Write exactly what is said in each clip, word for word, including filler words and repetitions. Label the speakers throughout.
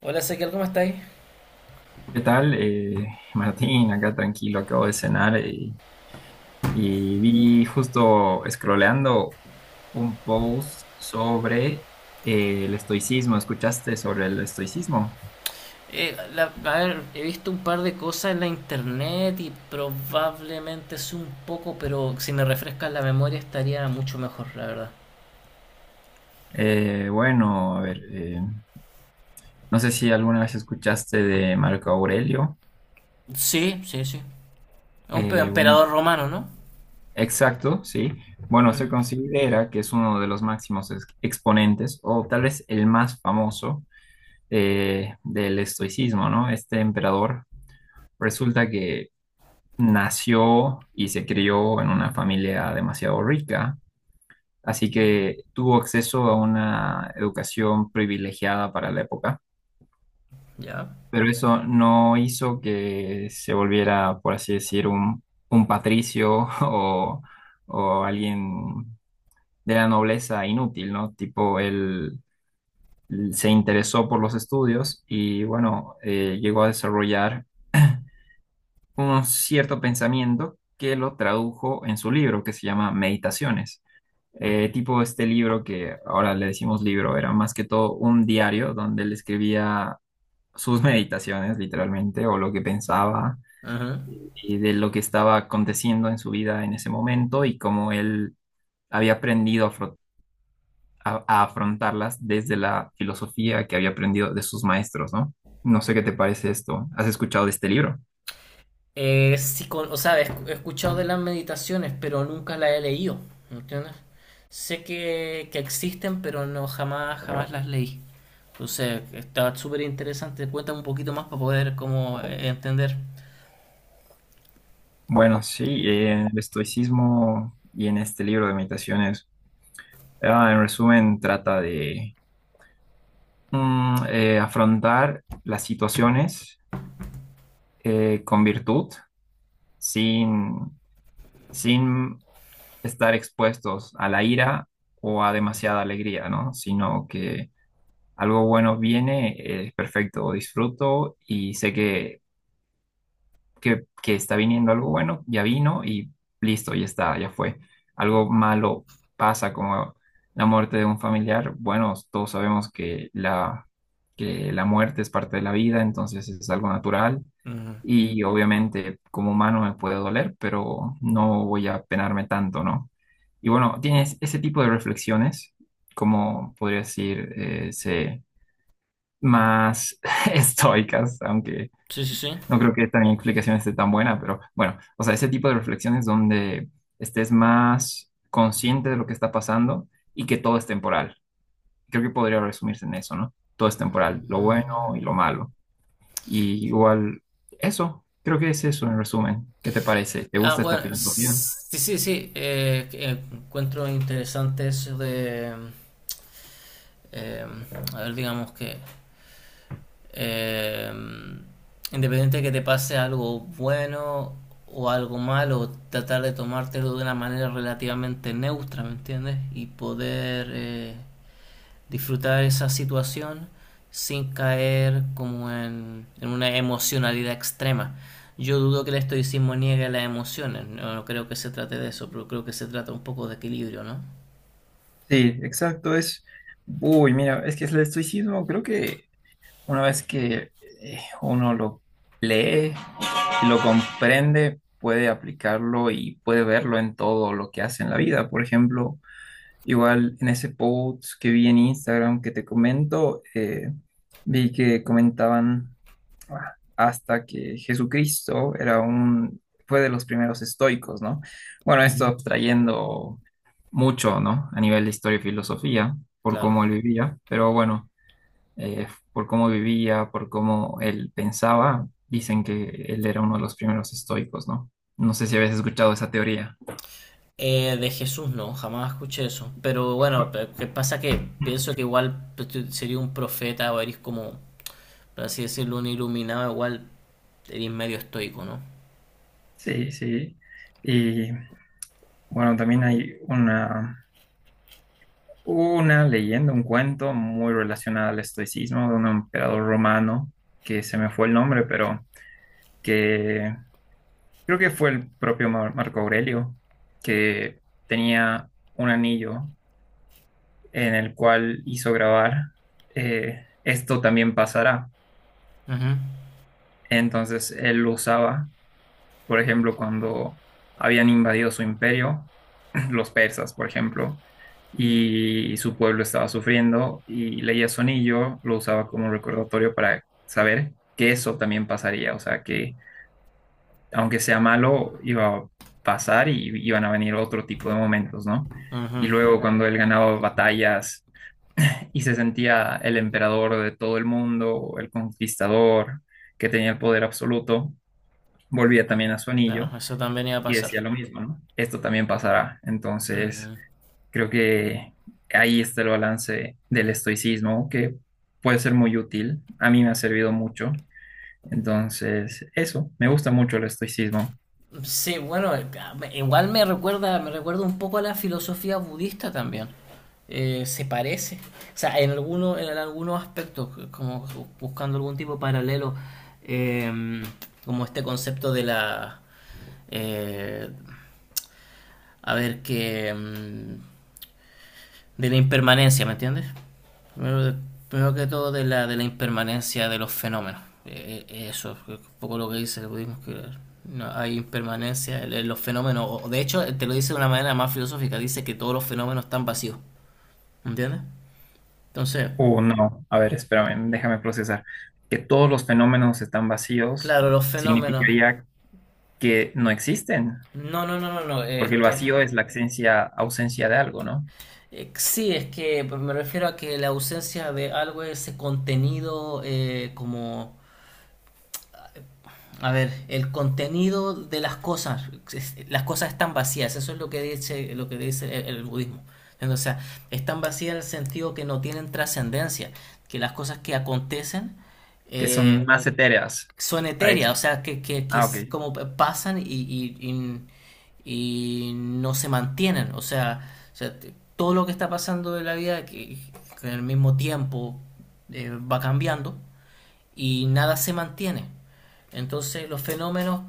Speaker 1: Hola, Ezequiel, ¿cómo estáis?
Speaker 2: ¿Qué tal? Eh, Martín, acá tranquilo, acabo de cenar eh, y, vi justo scrolleando un post sobre eh, el estoicismo. ¿Escuchaste sobre el estoicismo?
Speaker 1: Eh, la- a ver, he visto un par de cosas en la internet y probablemente es un poco, pero si me refrescas la memoria estaría mucho mejor, la verdad.
Speaker 2: Eh, bueno, a ver, eh, no sé si alguna vez escuchaste de Marco Aurelio.
Speaker 1: Sí, sí, sí. Un pe-
Speaker 2: Eh, bueno,
Speaker 1: emperador romano, ¿no?
Speaker 2: exacto, sí. Bueno,
Speaker 1: Ujú.
Speaker 2: se considera que es uno de los máximos ex- exponentes o tal vez el más famoso eh, del estoicismo, ¿no? Este emperador. Resulta que nació y se crió en una familia demasiado rica, así que tuvo acceso a una educación privilegiada para la época,
Speaker 1: Ya.
Speaker 2: pero eso no hizo que se volviera, por así decir, un, un patricio o, o alguien de la nobleza inútil, ¿no? Tipo, él se interesó por los estudios y, bueno, eh, llegó a desarrollar un cierto pensamiento que lo tradujo en su libro que se llama Meditaciones. Eh, tipo este libro que ahora le decimos libro, era más que todo un diario donde él escribía sus meditaciones, literalmente, o lo que pensaba
Speaker 1: Ujú.
Speaker 2: y de lo que estaba aconteciendo en su vida en ese momento y cómo él había aprendido a, afro- a- a afrontarlas desde la filosofía que había aprendido de sus maestros, ¿no? No sé qué te parece esto. ¿Has escuchado de este libro?
Speaker 1: Eh, sí, con- o sea, he escu- he escuchado de las meditaciones, pero nunca las he leído, ¿entiendes? Sé que, que existen, pero no jamás, jamás las leí. Entonces, está súper interesante. Cuéntame un poquito más para poder como eh, entender.
Speaker 2: Bueno, sí, eh, en el estoicismo y en este libro de meditaciones, ah, en resumen, trata de Mm, eh, afrontar las situaciones eh, con virtud, sin, sin estar expuestos a la ira o a demasiada alegría, ¿no? Sino que algo bueno viene, eh, es perfecto, disfruto y sé que que, que está viniendo algo bueno, ya vino y listo, ya está, ya fue. Algo malo pasa como la muerte de un familiar, bueno, todos sabemos que la, que la muerte es parte de la vida, entonces es algo natural
Speaker 1: Mm.
Speaker 2: y obviamente como humano me puede doler, pero no voy a penarme tanto, ¿no? Y bueno, tienes ese tipo de reflexiones, como podría decir, eh, se- más estoicas, aunque
Speaker 1: Sí, sí, sí.
Speaker 2: no creo que esta mi explicación esté tan buena, pero bueno, o sea, ese tipo de reflexiones donde estés más consciente de lo que está pasando y que todo es temporal. Creo que podría resumirse en eso, ¿no? Todo es temporal, lo bueno
Speaker 1: Mm.
Speaker 2: y lo malo. Y igual, eso, creo que es eso en resumen. ¿Qué te parece? ¿Te
Speaker 1: Ah,
Speaker 2: gusta esta
Speaker 1: bueno,
Speaker 2: filosofía?
Speaker 1: s- sí, sí, sí. Eh, que encuentro interesante eso de, eh, a ver, digamos que Eh, independiente de que te pase algo bueno o algo malo, tratar de tomártelo de una manera relativamente neutra, ¿me entiendes? Y poder eh, disfrutar esa situación sin caer como en, en una emocionalidad extrema. Yo dudo que el estoicismo niegue las emociones, no, no creo que se trate de eso, pero creo que se trata un poco de equilibrio, ¿no?
Speaker 2: Sí, exacto, es... Uy, mira, es que el estoicismo creo que Una vez que eh, uno lo lee y lo comprende, puede aplicarlo y puede verlo en todo lo que hace en la vida. Por ejemplo, igual en ese post que vi en Instagram que te comento, eh, vi que comentaban ah, hasta que Jesucristo era un, fue de los primeros estoicos, ¿no? Bueno, esto
Speaker 1: Ujú.
Speaker 2: abstrayendo mucho, ¿no? A nivel de historia y filosofía, por
Speaker 1: Claro.
Speaker 2: cómo él vivía, pero bueno eh, por cómo vivía, por cómo él pensaba, dicen que él era uno de los primeros estoicos, ¿no? No sé si habías escuchado esa teoría.
Speaker 1: Eh, de Jesús no, jamás escuché eso. Pero bueno,
Speaker 2: Bu-
Speaker 1: pe- que pasa que pienso que igual pues, tú sería un profeta o eres como, por así decirlo, un iluminado, igual eres medio estoico, ¿no?
Speaker 2: Sí, sí. Y bueno, también hay una, una leyenda, un cuento muy relacionado al estoicismo de un emperador romano, que se me fue el nombre, pero que creo que fue el propio Mar- Marco Aurelio, que tenía un anillo en el cual hizo grabar, eh, esto también pasará.
Speaker 1: Ujú,
Speaker 2: Entonces él lo usaba, por ejemplo, cuando habían invadido su imperio, los persas, por ejemplo, y su pueblo estaba sufriendo y leía su anillo, lo usaba como recordatorio para saber que eso también pasaría, o sea, que aunque sea malo, iba a pasar y iban a venir otro tipo de momentos, ¿no?
Speaker 1: ujú.
Speaker 2: Y luego cuando él ganaba batallas, y se sentía el emperador de todo el mundo, el conquistador que tenía el poder absoluto, volvía
Speaker 1: Ah,
Speaker 2: también a su anillo
Speaker 1: claro, eso también iba a
Speaker 2: y decía
Speaker 1: pasar.
Speaker 2: lo mismo, ¿no? Esto también pasará. Entonces,
Speaker 1: Ujú.
Speaker 2: creo que ahí está el balance del estoicismo, que puede ser muy útil. A mí me ha servido mucho. Entonces, eso, me gusta mucho el estoicismo.
Speaker 1: Sí, bueno, igual me recuerda, me recuerda un poco a la filosofía budista también. Eh, se parece. O sea, en algunos, en algunos aspectos, como buscando algún tipo de paralelo, eh, como este concepto de la eh, a ver que mm, de la impermanencia, ¿me entiendes? Primero, Primero que todo de la, de la impermanencia de los fenómenos. Eh, eh, eso es un poco lo que dice el budismo, que no hay impermanencia en los fenómenos. O- De hecho, te lo dice de una manera más filosófica, dice que todos los fenómenos están vacíos, ¿entiendes? Entonces,
Speaker 2: O no, a ver, espérame, déjame procesar. Que todos los fenómenos están vacíos
Speaker 1: claro, los fenómenos...
Speaker 2: significaría que no existen.
Speaker 1: No, no, no, no, no, es
Speaker 2: Porque el
Speaker 1: que...
Speaker 2: vacío es la ausencia, ausencia de algo, ¿no?
Speaker 1: eh, sí, es que me refiero a que la ausencia de algo es ese contenido eh, como a ver, el contenido de las cosas, es- las cosas están vacías, eso es lo que dice, lo que dice el, el budismo. O sea, están vacías en el sentido que no tienen trascendencia, que las cosas que acontecen
Speaker 2: Que son
Speaker 1: eh,
Speaker 2: más etéreas
Speaker 1: son
Speaker 2: a
Speaker 1: etéreas,
Speaker 2: eso.
Speaker 1: o sea, que, que, que
Speaker 2: Ah, ok.
Speaker 1: es como pasan y, y, y- y no se mantienen. O sea, o sea, t- todo lo que está pasando en la vida, que, que en el mismo tiempo eh, va cambiando, y nada se mantiene. Entonces los fenómenos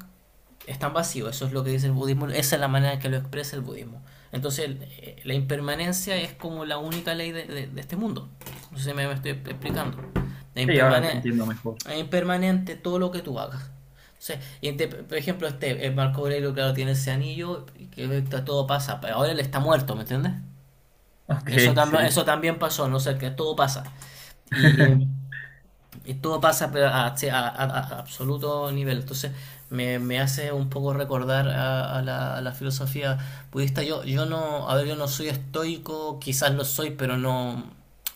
Speaker 1: están vacíos, eso es lo que dice el budismo, esa es la manera en que lo expresa el budismo. Entonces la impermanencia es como la única ley de, de, de este mundo. No sé si me, me estoy explicando. Es
Speaker 2: Sí, ahora te
Speaker 1: impermanente,
Speaker 2: entiendo mejor.
Speaker 1: es impermanente todo lo que tú hagas. O sea, y este, por ejemplo, este el Marco Aurelio, claro, tiene ese anillo que todo pasa, pero ahora él está muerto, ¿me entiendes?
Speaker 2: Ok,
Speaker 1: Eso también,
Speaker 2: sí.
Speaker 1: eso también pasó, no sé, sea, que todo pasa. Y y todo pasa pero a, sí, a- a- a absoluto nivel. Entonces me, me hace un poco recordar a, a la, a la filosofía budista. Yo, yo no, A ver, yo no soy estoico, quizás lo soy, pero no,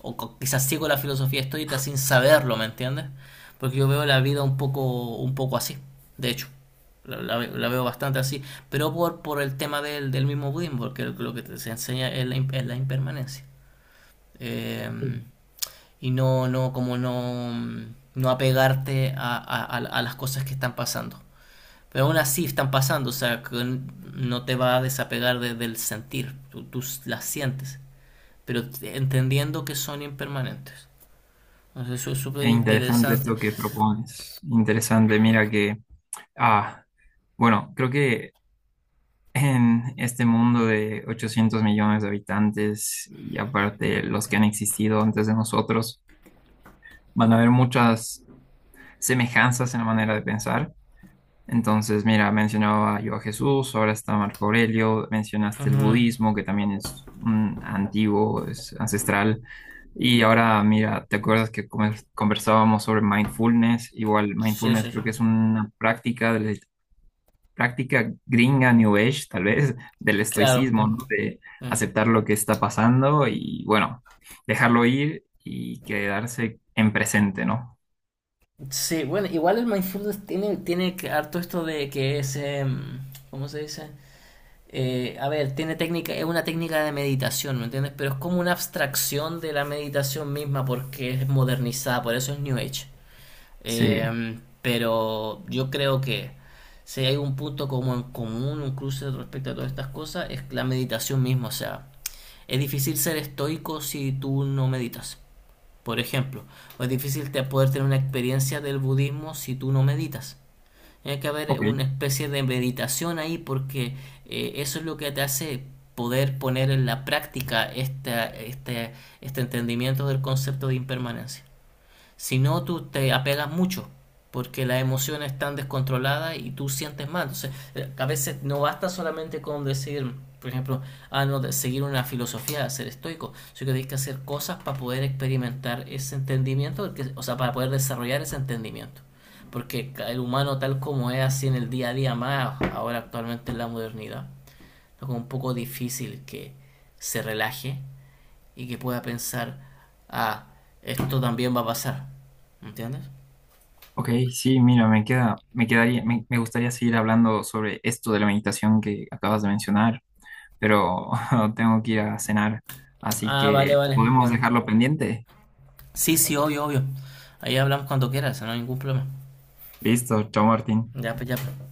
Speaker 1: o co- quizás sigo la filosofía estoica sin saberlo, ¿me entiendes? Porque yo veo la vida un poco, un poco así, de hecho. La, la ve- la veo bastante así, pero por, por el tema del, del mismo budismo, porque lo que te- se enseña es la, im- es la impermanencia. Eh, y no, no, como no, no apegarte a, a- a- a las cosas que están pasando. Pero aún así están pasando, o sea, que n- no te va a desapegar de- del sentir, tú, tú s- las sientes, pero t- entendiendo que son impermanentes. Entonces, eso es súper
Speaker 2: Es interesante
Speaker 1: interesante.
Speaker 2: esto que propones. Interesante, mira que, ah, bueno, creo que en este mundo de ochocientos millones de habitantes y aparte los que han existido antes de nosotros, van a haber muchas semejanzas en la manera de pensar. Entonces, mira, mencionaba yo a Jesús, ahora está Marco Aurelio, mencionaste el
Speaker 1: Ujú.
Speaker 2: budismo, que también es mm, antiguo, es ancestral. Y ahora, mira, ¿te acuerdas que come- conversábamos sobre mindfulness? Igual,
Speaker 1: Sí,
Speaker 2: mindfulness
Speaker 1: sí, sí.
Speaker 2: creo que es una práctica, de la- práctica gringa, New Age, tal vez, del
Speaker 1: Claro.
Speaker 2: estoicismo,
Speaker 1: No.
Speaker 2: ¿no? De
Speaker 1: Mm.
Speaker 2: aceptar lo que está pasando y, bueno, dejarlo ir y quedarse en presente, ¿no?
Speaker 1: Sí, bueno, igual el mindfulness tiene, tiene que- harto esto de que es, em, ¿cómo se dice? Eh, a ver, tiene técnica, es una técnica de meditación, ¿me entiendes? Pero es como una abstracción de la meditación misma porque es modernizada, por eso es New Age.
Speaker 2: Sí.
Speaker 1: Eh, pero yo creo que si hay un punto como en común, un cruce respecto a todas estas cosas, es la meditación misma. O sea, es difícil ser estoico si tú no meditas, por ejemplo. O es difícil te- poder tener una experiencia del budismo si tú no meditas. Tiene que haber
Speaker 2: Ok.
Speaker 1: una especie de meditación ahí porque eh, eso es lo que te hace poder poner en la práctica esta- este, este entendimiento del concepto de impermanencia. Si no, tú te apegas mucho porque las emociones están descontroladas y tú sientes mal. Entonces, eh, a veces no basta solamente con decir, por ejemplo, ah, no, de seguir una filosofía, ser estoico, sino que tienes que hacer cosas para poder experimentar ese entendimiento, porque- o sea, para poder desarrollar ese entendimiento. Porque el humano tal como es así en el día a día más, ahora actualmente en la modernidad, es un poco difícil que se relaje y que pueda pensar, ah, esto también va a pasar. ¿Entiendes?
Speaker 2: Ok, sí, mira, me queda, me quedaría, me, me gustaría seguir hablando sobre esto de la meditación que acabas de mencionar, pero tengo que ir a cenar, así
Speaker 1: Ah, vale,
Speaker 2: que
Speaker 1: vale.
Speaker 2: podemos
Speaker 1: Bueno.
Speaker 2: dejarlo pendiente.
Speaker 1: Sí, sí, obvio, obvio. Ahí hablamos cuando quieras, no hay ningún problema.
Speaker 2: Listo, chao Martín.
Speaker 1: Ya, pues, ya, pues.